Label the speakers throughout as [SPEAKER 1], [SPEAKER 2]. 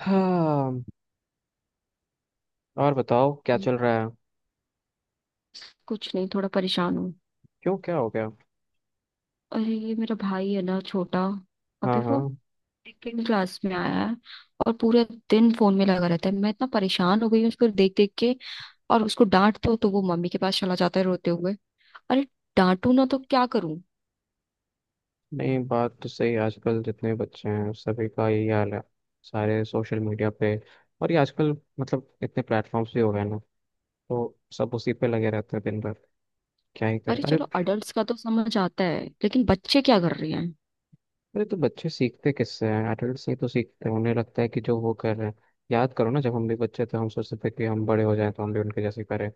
[SPEAKER 1] हाँ। और बताओ क्या
[SPEAKER 2] हम्म,
[SPEAKER 1] चल रहा है?
[SPEAKER 2] कुछ नहीं, थोड़ा परेशान हूँ।
[SPEAKER 1] क्यों, क्या हो गया?
[SPEAKER 2] अरे, ये मेरा भाई है ना, छोटा। अभी
[SPEAKER 1] हाँ,
[SPEAKER 2] वो
[SPEAKER 1] हाँ।
[SPEAKER 2] सेकेंड क्लास में आया है। और पूरे दिन फोन में लगा रहता है। मैं इतना परेशान हो गई हूँ उसको देख देख के। और उसको डांट दो तो वो मम्मी के पास चला जाता है रोते हुए। अरे, डांटू ना तो क्या करूं।
[SPEAKER 1] नहीं, बात तो सही है। आजकल जितने बच्चे हैं सभी का यही हाल है। सारे सोशल मीडिया पे। और ये आजकल मतलब इतने प्लेटफॉर्म्स भी हो गए ना, तो सब उसी पे लगे रहते हैं दिन भर। क्या ही करें,
[SPEAKER 2] अरे
[SPEAKER 1] अरे।
[SPEAKER 2] चलो, अडल्ट्स का तो समझ आता है लेकिन बच्चे क्या कर रहे
[SPEAKER 1] अरे तो बच्चे सीखते किससे हैं, एडल्ट से ही तो सीखते हैं, उन्हें लगता है कि जो वो कर रहे हैं। याद करो ना, जब हम भी बच्चे थे हम सोचते थे कि हम बड़े हो जाएं तो हम भी उनके जैसे करें,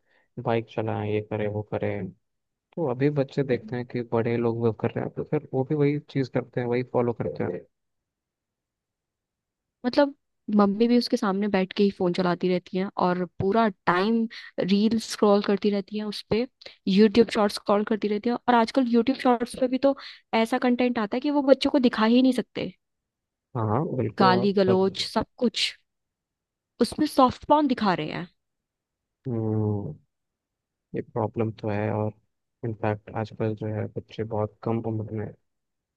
[SPEAKER 1] बाइक चलाएं, ये करें वो करें। तो अभी बच्चे देखते हैं
[SPEAKER 2] हैं।
[SPEAKER 1] कि बड़े लोग वो कर रहे हैं, तो फिर वो भी वही चीज करते हैं, वही फॉलो करते हैं।
[SPEAKER 2] मतलब मम्मी भी उसके सामने बैठ के ही फोन चलाती रहती हैं और पूरा टाइम रील स्क्रॉल करती रहती हैं उस पे। यूट्यूब शॉर्ट्स स्क्रॉल करती रहती हैं। और आजकल यूट्यूब शॉर्ट्स पे भी तो ऐसा कंटेंट आता है कि वो बच्चों को दिखा ही नहीं सकते।
[SPEAKER 1] हाँ बिल्कुल, आप
[SPEAKER 2] गाली
[SPEAKER 1] सब।
[SPEAKER 2] गलौज सब कुछ, उसमें सॉफ्ट पॉर्न दिखा रहे हैं।
[SPEAKER 1] हम्म, ये प्रॉब्लम तो है। और इनफैक्ट आजकल जो है बच्चे बहुत कम उम्र में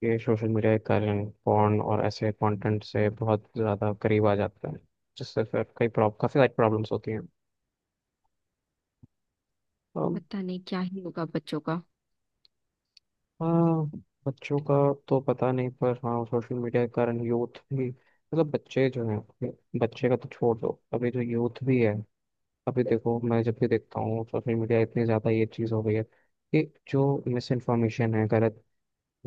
[SPEAKER 1] ये सोशल मीडिया के कारण फोन और ऐसे कंटेंट से बहुत ज़्यादा करीब आ जाते हैं, जिससे फिर कई प्रॉब काफ़ी सारी प्रॉब्लम्स होती हैं। अम,
[SPEAKER 2] पता नहीं क्या ही होगा बच्चों का।
[SPEAKER 1] हाँ, बच्चों का तो पता नहीं, पर हाँ सोशल मीडिया के कारण यूथ भी, मतलब बच्चे जो हैं, बच्चे का तो छोड़ दो, अभी जो यूथ भी है। अभी देखो, मैं जब भी देखता हूँ सोशल मीडिया, इतनी ज़्यादा ये चीज़ हो गई है कि जो मिस इन्फॉर्मेशन है, गलत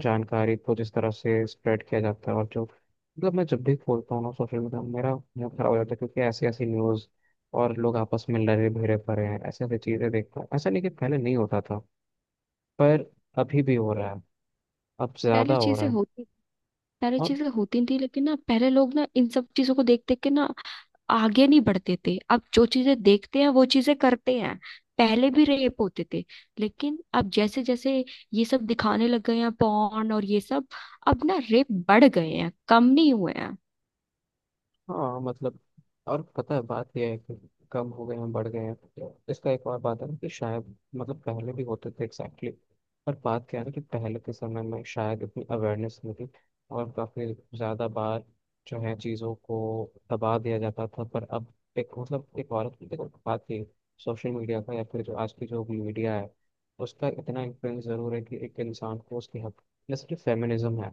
[SPEAKER 1] जानकारी को जिस तरह से स्प्रेड किया जाता है, और जो मतलब मैं जब भी खोलता हूँ ना सोशल मीडिया, मेरा मूड खराब हो जाता है, क्योंकि ऐसी ऐसी न्यूज़ और लोग आपस में लड़े भिड़े पड़े हैं, ऐसी ऐसी चीज़ें देखता हूँ। ऐसा नहीं कि पहले नहीं होता था, पर अभी भी हो रहा है, अब
[SPEAKER 2] पहले
[SPEAKER 1] ज़्यादा हो रहा
[SPEAKER 2] चीजें
[SPEAKER 1] है।
[SPEAKER 2] होती पहले
[SPEAKER 1] और
[SPEAKER 2] चीजें होती नहीं थी, लेकिन ना पहले लोग ना इन सब चीजों को देख देख के ना आगे नहीं बढ़ते थे। अब जो चीजें देखते हैं वो चीजें करते हैं। पहले भी रेप होते थे, लेकिन अब जैसे जैसे ये सब दिखाने लग गए हैं, पॉर्न और ये सब, अब ना रेप बढ़ गए हैं, कम नहीं हुए हैं।
[SPEAKER 1] हाँ मतलब, और पता है बात यह है कि कम हो गए हैं बढ़ गए हैं, तो इसका एक और बात है ना कि शायद, मतलब पहले भी होते थे एग्जैक्टली। पर बात क्या है ना कि पहले के समय में शायद इतनी अवेयरनेस नहीं थी, और काफ़ी ज़्यादा बार जो है चीज़ों को दबा दिया जाता था। पर अब एक मतलब एक औरत की, देखो बात ये, सोशल मीडिया का, या फिर जो आज की जो मीडिया है, उसका इतना इन्फ्लुएंस ज़रूर है कि एक इंसान को उसकी हक, जैसे कि फेमिनिज्म है।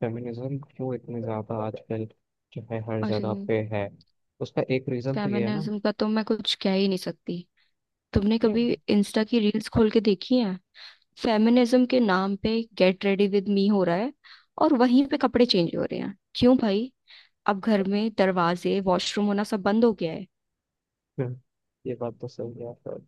[SPEAKER 1] फेमिनिज्म क्यों इतने ज़्यादा आजकल, चाहे हर
[SPEAKER 2] अरे,
[SPEAKER 1] जगह पे है, उसका एक रीजन तो ये है ना।
[SPEAKER 2] फेमिनिज्म का तो मैं कुछ कह ही नहीं सकती। तुमने
[SPEAKER 1] नहीं।
[SPEAKER 2] कभी इंस्टा की रील्स खोल के देखी है? फेमिनिज्म के नाम पे गेट रेडी विद मी हो रहा है और वहीं पे कपड़े चेंज हो रहे हैं, क्यों भाई। अब घर में दरवाजे वॉशरूम होना सब बंद हो गया है।
[SPEAKER 1] हम्म। ये बात तो सही है, पर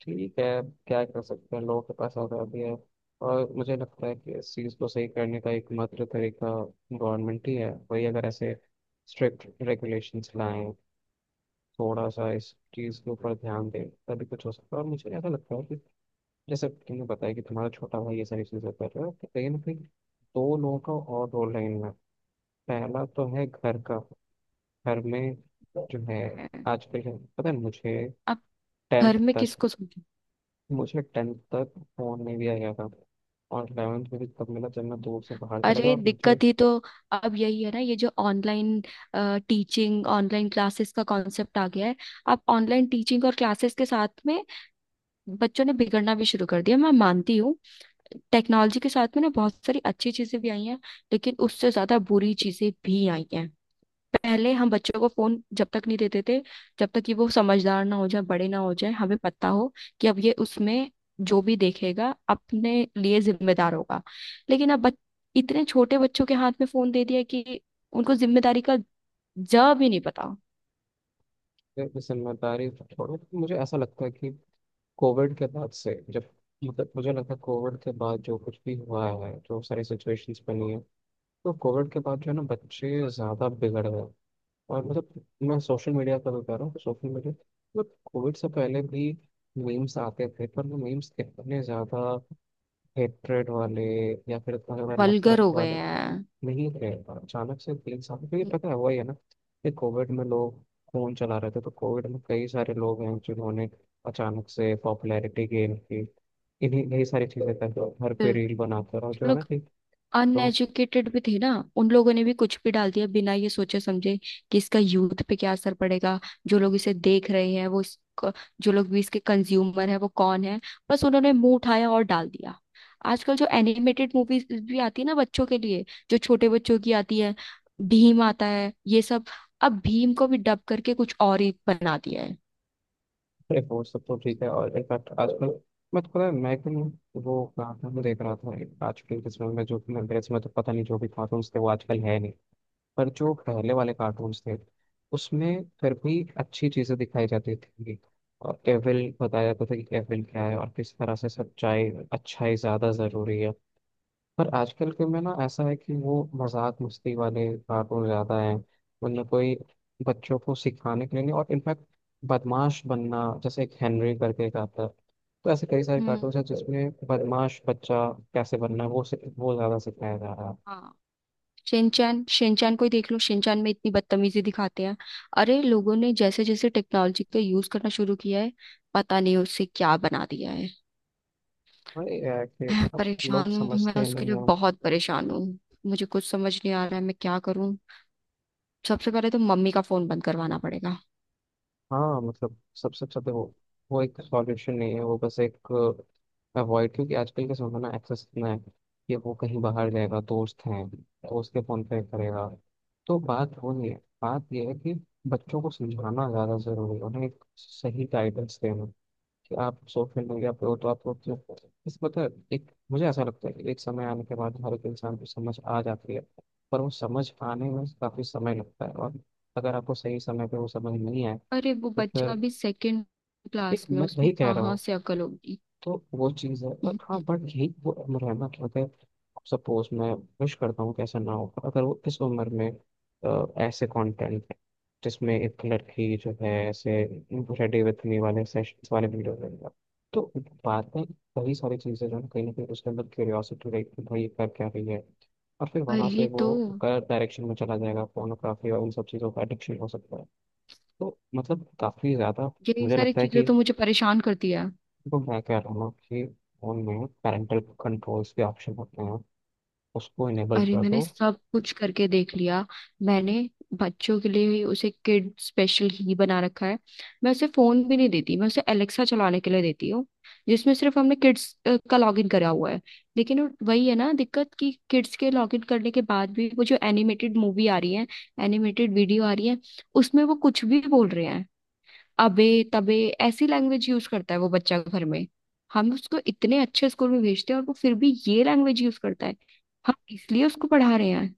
[SPEAKER 1] ठीक है, क्या कर सकते हैं, लोगों के पास आज़ादी है। और मुझे लगता है कि इस चीज़ को सही करने का एकमात्र तरीका गवर्नमेंट ही है, वही अगर ऐसे स्ट्रिक्ट रेगुलेशंस लाएं, थोड़ा सा इस चीज़ के ऊपर ध्यान दें, तभी कुछ हो सकता है। और मुझे ऐसा लगता है कि जैसे तुमने बताया कि तुम्हारा छोटा भाई ये सारी चीज़ें कर रहा है, तो कहीं ना कहीं दो लोगों का और रोल है इनमें। पहला तो है घर का, घर में जो है
[SPEAKER 2] है।
[SPEAKER 1] आजकल, क्या पता है मुझे।
[SPEAKER 2] अब घर
[SPEAKER 1] टेंथ
[SPEAKER 2] में
[SPEAKER 1] तक,
[SPEAKER 2] किसको।
[SPEAKER 1] मुझे टेंथ तक फोन नहीं दिया गया था, और इलेवेंथ में भी तब मिला जब मैं दूर से बाहर चला गया।
[SPEAKER 2] अरे,
[SPEAKER 1] और मुझे
[SPEAKER 2] दिक्कत ही तो अब यही है ना। ये जो ऑनलाइन टीचिंग ऑनलाइन क्लासेस का कॉन्सेप्ट आ गया है। अब ऑनलाइन टीचिंग और क्लासेस के साथ में बच्चों ने बिगड़ना भी शुरू कर दिया, मैं मानती हूँ। टेक्नोलॉजी के साथ में ना बहुत सारी अच्छी चीजें भी आई हैं, लेकिन उससे ज्यादा बुरी चीजें भी आई हैं। पहले हम बच्चों को फोन जब तक नहीं देते थे, जब तक कि वो समझदार ना हो जाए, बड़े ना हो जाए, हमें पता हो कि अब ये उसमें जो भी देखेगा अपने लिए जिम्मेदार होगा। लेकिन अब इतने छोटे बच्चों के हाथ में फोन दे दिया कि उनको जिम्मेदारी का ज भी नहीं पता।
[SPEAKER 1] ये जिम्मेदारी छोड़ो, मुझे ऐसा लगता है कि कोविड के बाद से जब, मतलब मुझे लगता है कोविड के बाद जो कुछ भी हुआ है, जो सारी सिचुएशंस बनी है, तो कोविड के बाद जो है ना बच्चे ज़्यादा बिगड़ गए। और मतलब मैं सोशल मीडिया का बता रहा हूँ, सोशल मीडिया मतलब कोविड से पहले भी मीम्स आते थे, पर वो मीम्स इतने ज़्यादा हेट्रेड वाले या फिर इतना ज़्यादा
[SPEAKER 2] वल्गर
[SPEAKER 1] नफरत
[SPEAKER 2] हो गए
[SPEAKER 1] वाले
[SPEAKER 2] हैं।
[SPEAKER 1] नहीं थे। अचानक से तीन साल, क्योंकि पता है वही है ना कि कोविड में लोग फ़ोन चला रहे थे, तो कोविड में कई सारे लोग हैं जिन्होंने अचानक से पॉपुलैरिटी गेन की, इन्हीं यही सारी चीज़ें कर, घर पे रील बनाकर, और जो है ना
[SPEAKER 2] बिल्कुल,
[SPEAKER 1] कि लोगों,
[SPEAKER 2] अनएजुकेटेड भी थे ना, उन लोगों ने भी कुछ भी डाल दिया बिना ये सोचे समझे कि इसका यूथ पे क्या असर पड़ेगा। जो लोग इसे देख रहे हैं, जो लोग भी इसके कंज्यूमर है वो कौन है। बस उन्होंने मुंह उठाया और डाल दिया। आजकल जो एनिमेटेड मूवीज भी आती है ना बच्चों के लिए, जो छोटे बच्चों की आती है, भीम आता है ये सब, अब भीम को भी डब करके कुछ और ही बना दिया है।
[SPEAKER 1] अरे वो सब तो ठीक है। और इनफैक्ट आजकल, मैं तो पता है मैं कल वो कार्टून में देख रहा था एक, आजकल के समय में जो कि मेरे समय तो पता नहीं, जो भी कार्टून्स थे वो आजकल है नहीं। पर जो पहले वाले कार्टून्स थे उसमें फिर भी अच्छी चीज़ें दिखाई जाती थी, और एविल बताया जाता था कि एविल क्या है और किस तरह से सच्चाई अच्छाई ज़्यादा ज़रूरी है। पर आजकल के में ना ऐसा है कि वो मजाक मस्ती वाले कार्टून ज्यादा हैं, उनमें कोई बच्चों को सिखाने के लिए नहीं। और इनफैक्ट बदमाश बनना, जैसे एक हेनरी करके एक आता है, तो ऐसे कई सारे
[SPEAKER 2] हम्म।
[SPEAKER 1] कार्टून हैं जिसमें बदमाश बच्चा कैसे बनना है वो वो ज्यादा सिखाया जा रहा है।
[SPEAKER 2] हाँ। शिनचैन, शिनचैन को ही देख लो, शिनचैन में इतनी बदतमीजी दिखाते हैं। अरे, लोगों ने जैसे जैसे टेक्नोलॉजी का यूज करना शुरू किया है, पता नहीं उससे क्या बना दिया है।
[SPEAKER 1] अरे यार कि
[SPEAKER 2] मैं
[SPEAKER 1] अब लोग
[SPEAKER 2] परेशान हूँ, मैं
[SPEAKER 1] समझते
[SPEAKER 2] उसके लिए
[SPEAKER 1] नहीं।
[SPEAKER 2] बहुत परेशान हूँ। मुझे कुछ समझ नहीं आ रहा है, मैं क्या करूँ। सबसे पहले तो मम्मी का फोन बंद करवाना पड़ेगा।
[SPEAKER 1] हाँ मतलब, सबसे अच्छा देखो, वो एक सॉल्यूशन नहीं है, वो बस एक अवॉइड, क्योंकि आजकल के समय में ना एक्सेस इतना है कि वो कहीं बाहर जाएगा, दोस्त हैं तो उसके फोन पे करेगा। तो बात वो नहीं है, बात ये है कि बच्चों को समझाना ज़्यादा ज़रूरी है, उन्हें एक सही गाइडेंस देना कि आप सोशल मीडिया पे हो तो आपको क्यों, इस मतलब एक मुझे ऐसा लगता है कि एक समय आने के बाद हर एक इंसान को समझ आ जाती है। पर वो समझ आने में काफ़ी समय लगता है, और अगर आपको सही समय पे वो समझ नहीं आए
[SPEAKER 2] अरे, वो
[SPEAKER 1] तो
[SPEAKER 2] बच्चा
[SPEAKER 1] फिर,
[SPEAKER 2] अभी सेकंड
[SPEAKER 1] एक
[SPEAKER 2] क्लास में,
[SPEAKER 1] मैं
[SPEAKER 2] उसमें
[SPEAKER 1] वही कह रहा
[SPEAKER 2] कहाँ
[SPEAKER 1] हूँ,
[SPEAKER 2] से अकल होगी।
[SPEAKER 1] तो वो चीज़ है। और हाँ
[SPEAKER 2] हम्म,
[SPEAKER 1] बट यही वो उम्र है ना कि अगर सपोज, मैं विश करता हूँ कि ऐसा ना हो, पर अगर वो इस उम्र में ऐसे कंटेंट है जिसमें एक लड़की जो है ऐसे रेडी विथ मी वाले सेशंस वाले वीडियो देगा, तो बातें, कई सारी चीज़ें जो है, कहीं ना कहीं उसके अंदर क्यूरियोसिटी रहेगी कि भाई ये कर क्या रही है, और फिर वहाँ
[SPEAKER 2] वही
[SPEAKER 1] से वो
[SPEAKER 2] तो।
[SPEAKER 1] गलत डायरेक्शन में चला जाएगा, pornography और उन सब चीज़ों का एडिक्शन हो सकता है। तो मतलब काफ़ी ज़्यादा
[SPEAKER 2] यही
[SPEAKER 1] मुझे
[SPEAKER 2] सारी
[SPEAKER 1] लगता है
[SPEAKER 2] चीजें
[SPEAKER 1] कि,
[SPEAKER 2] तो मुझे परेशान करती है।
[SPEAKER 1] तो मैं कह रहा हूँ कि फोन में पेरेंटल कंट्रोल्स के ऑप्शन होते हैं, उसको इनेबल
[SPEAKER 2] अरे,
[SPEAKER 1] कर
[SPEAKER 2] मैंने
[SPEAKER 1] दो।
[SPEAKER 2] सब कुछ करके देख लिया। मैंने बच्चों के लिए ही उसे किड स्पेशल ही बना रखा है। मैं उसे फोन भी नहीं देती, मैं उसे एलेक्सा चलाने के लिए देती हूँ। जिसमें सिर्फ हमने किड्स का लॉगिन करा हुआ है। लेकिन वही है ना दिक्कत, कि किड्स के लॉगिन करने के बाद भी वो जो एनिमेटेड मूवी आ रही है, एनिमेटेड वीडियो आ रही है, उसमें वो कुछ भी बोल रहे हैं। अबे तबे, ऐसी लैंग्वेज यूज करता है वो बच्चा घर में। हम उसको इतने अच्छे स्कूल में भेजते हैं और वो फिर भी ये लैंग्वेज यूज करता है। हम इसलिए उसको पढ़ा रहे हैं।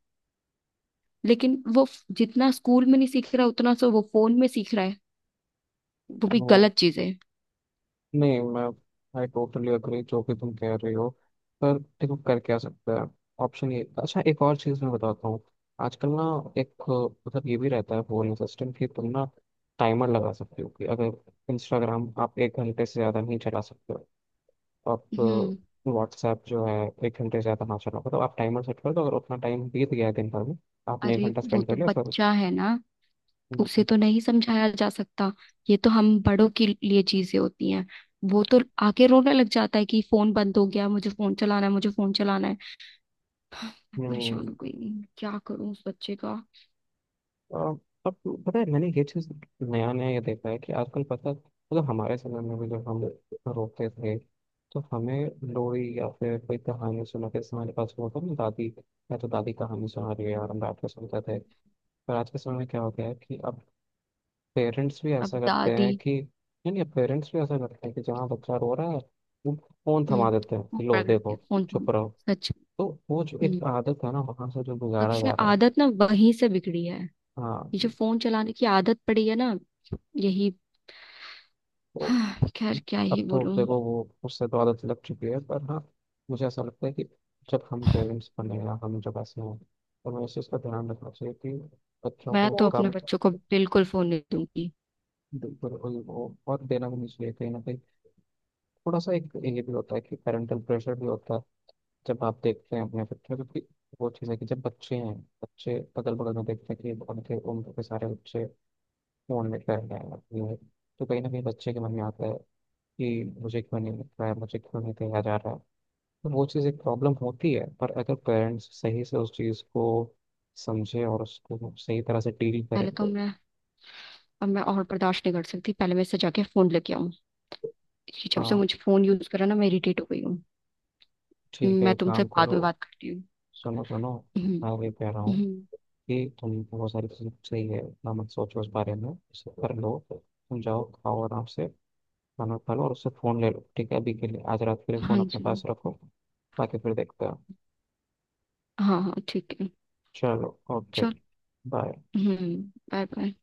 [SPEAKER 2] लेकिन जितना स्कूल में नहीं सीख रहा उतना सो वो फोन में सीख रहा है। वो भी
[SPEAKER 1] वो
[SPEAKER 2] गलत चीजें।
[SPEAKER 1] नहीं, मैं आई टोटली अग्री जो कि तुम कह रही हो, पर देखो कर क्या सकते हैं। ऑप्शन ये, अच्छा एक और चीज़ मैं बताता हूँ। आजकल ना एक, मतलब ये भी रहता है फोन सिस्टम कि तुम ना टाइमर लगा सकते हो कि अगर इंस्टाग्राम आप एक घंटे से ज़्यादा नहीं चला सकते, आप
[SPEAKER 2] हम्म।
[SPEAKER 1] व्हाट्सएप जो है एक घंटे से ज़्यादा ना चलाओ, तो आप टाइमर सेट कर दो, अगर उतना टाइम बीत गया है दिन भर में, आपने एक
[SPEAKER 2] अरे
[SPEAKER 1] घंटा
[SPEAKER 2] वो
[SPEAKER 1] स्पेंड कर
[SPEAKER 2] तो
[SPEAKER 1] लिया, फिर,
[SPEAKER 2] बच्चा है ना, उसे
[SPEAKER 1] हम्म,
[SPEAKER 2] तो नहीं समझाया जा सकता। ये तो हम बड़ों के लिए चीजें होती हैं। वो तो आके रोने लग जाता है कि फोन बंद हो गया, मुझे फोन चलाना है, मुझे फोन चलाना है। मैं परेशान
[SPEAKER 1] हम्म,
[SPEAKER 2] हो गई। क्या करूं उस बच्चे का।
[SPEAKER 1] अ, अब पता है मैंने ये चीज़ नया नया ये देखा है कि आजकल, पता मतलब हमारे समय में भी जब हम रोते थे तो हमें लोरी या फिर कोई कहानी सुनाते थे, हमारे पास वो था ना दादी, या तो दादी कहानी सुना रही है और हम बैठ के सुनते थे। पर आज के समय में क्या हो गया है कि अब पेरेंट्स भी
[SPEAKER 2] अब
[SPEAKER 1] ऐसा करते
[SPEAKER 2] दादी।
[SPEAKER 1] हैं कि नहीं नहीं पेरेंट्स भी ऐसा करते हैं कि जहाँ बच्चा रो रहा है वो फोन थमा
[SPEAKER 2] हम्म।
[SPEAKER 1] देते हैं
[SPEAKER 2] वो
[SPEAKER 1] कि लो
[SPEAKER 2] पकड़ के
[SPEAKER 1] देखो,
[SPEAKER 2] फोन
[SPEAKER 1] चुप
[SPEAKER 2] थामा।
[SPEAKER 1] रहो।
[SPEAKER 2] सच।
[SPEAKER 1] तो वो जो
[SPEAKER 2] हम्म।
[SPEAKER 1] एक आदत है ना, वहां से जो गुजारा
[SPEAKER 2] सबसे
[SPEAKER 1] जा रहा है।
[SPEAKER 2] आदत ना वहीं से बिगड़ी है।
[SPEAKER 1] हाँ
[SPEAKER 2] ये जो
[SPEAKER 1] कि
[SPEAKER 2] फोन चलाने की आदत पड़ी है ना, यही।
[SPEAKER 1] तो
[SPEAKER 2] हाँ, खैर, क्या
[SPEAKER 1] अब
[SPEAKER 2] ही
[SPEAKER 1] तो
[SPEAKER 2] बोलूं।
[SPEAKER 1] देखो वो उससे तो आदत लग चुकी है। पर हाँ मुझे ऐसा लगता है कि जब हम पेरेंट्स बने या हम जब ऐसे हों तो हमें इस चीज़ का ध्यान रखना चाहिए कि बच्चों
[SPEAKER 2] मैं तो
[SPEAKER 1] को
[SPEAKER 2] अपने
[SPEAKER 1] कम,
[SPEAKER 2] बच्चों को बिल्कुल फोन नहीं दूंगी।
[SPEAKER 1] बिल्कुल वो और देना भी नहीं चाहिए। कहीं ना कहीं थोड़ा सा एक ये भी होता है कि पेरेंटल प्रेशर भी होता है, जब आप देखते हैं अपने बच्चों को कि, वो चीज़ है कि जब बच्चे हैं, बच्चे अगल बगल में देखते हैं कि उनके उम्र के सारे बच्चे फोन में कर रहे हैं अपनी है, तो कहीं ना कहीं बच्चे के मन में आता है कि मुझे क्यों नहीं मिल रहा है, मुझे क्यों नहीं कहा जा रहा है। तो वो चीज़ एक प्रॉब्लम होती है, पर अगर पेरेंट्स सही से उस चीज़ को समझे और उसको सही तरह से डील करें
[SPEAKER 2] पहले तो
[SPEAKER 1] तो,
[SPEAKER 2] मैं अब मैं और बर्दाश्त नहीं कर सकती, पहले मैं इससे जाके फोन लेके आऊं। ये जब से
[SPEAKER 1] हाँ
[SPEAKER 2] मुझे फोन यूज करा ना, मैं इरिटेट हो गई हूँ।
[SPEAKER 1] ठीक है,
[SPEAKER 2] मैं तुमसे
[SPEAKER 1] काम
[SPEAKER 2] बाद
[SPEAKER 1] करो।
[SPEAKER 2] में बात करती हूँ।
[SPEAKER 1] सुनो, सुनो।
[SPEAKER 2] हम्म।
[SPEAKER 1] मैं भी कह रहा हूँ
[SPEAKER 2] हम्म।
[SPEAKER 1] कि तुम, बहुत सारी चीज़ें सही है, इतना मत सोचो उस बारे में, इसे कर लो, तुम जाओ खाओ आराम से, खाना खा लो और उससे फ़ोन ले लो, ठीक है? अभी के लिए, आज रात के लिए फ़ोन
[SPEAKER 2] हाँ
[SPEAKER 1] अपने पास
[SPEAKER 2] जी।
[SPEAKER 1] रखो, बाकी फिर देखते हैं।
[SPEAKER 2] हाँ, हाँ, ठीक है।
[SPEAKER 1] चलो ओके।
[SPEAKER 2] चल।
[SPEAKER 1] बाय।
[SPEAKER 2] हम्म। Bye bye.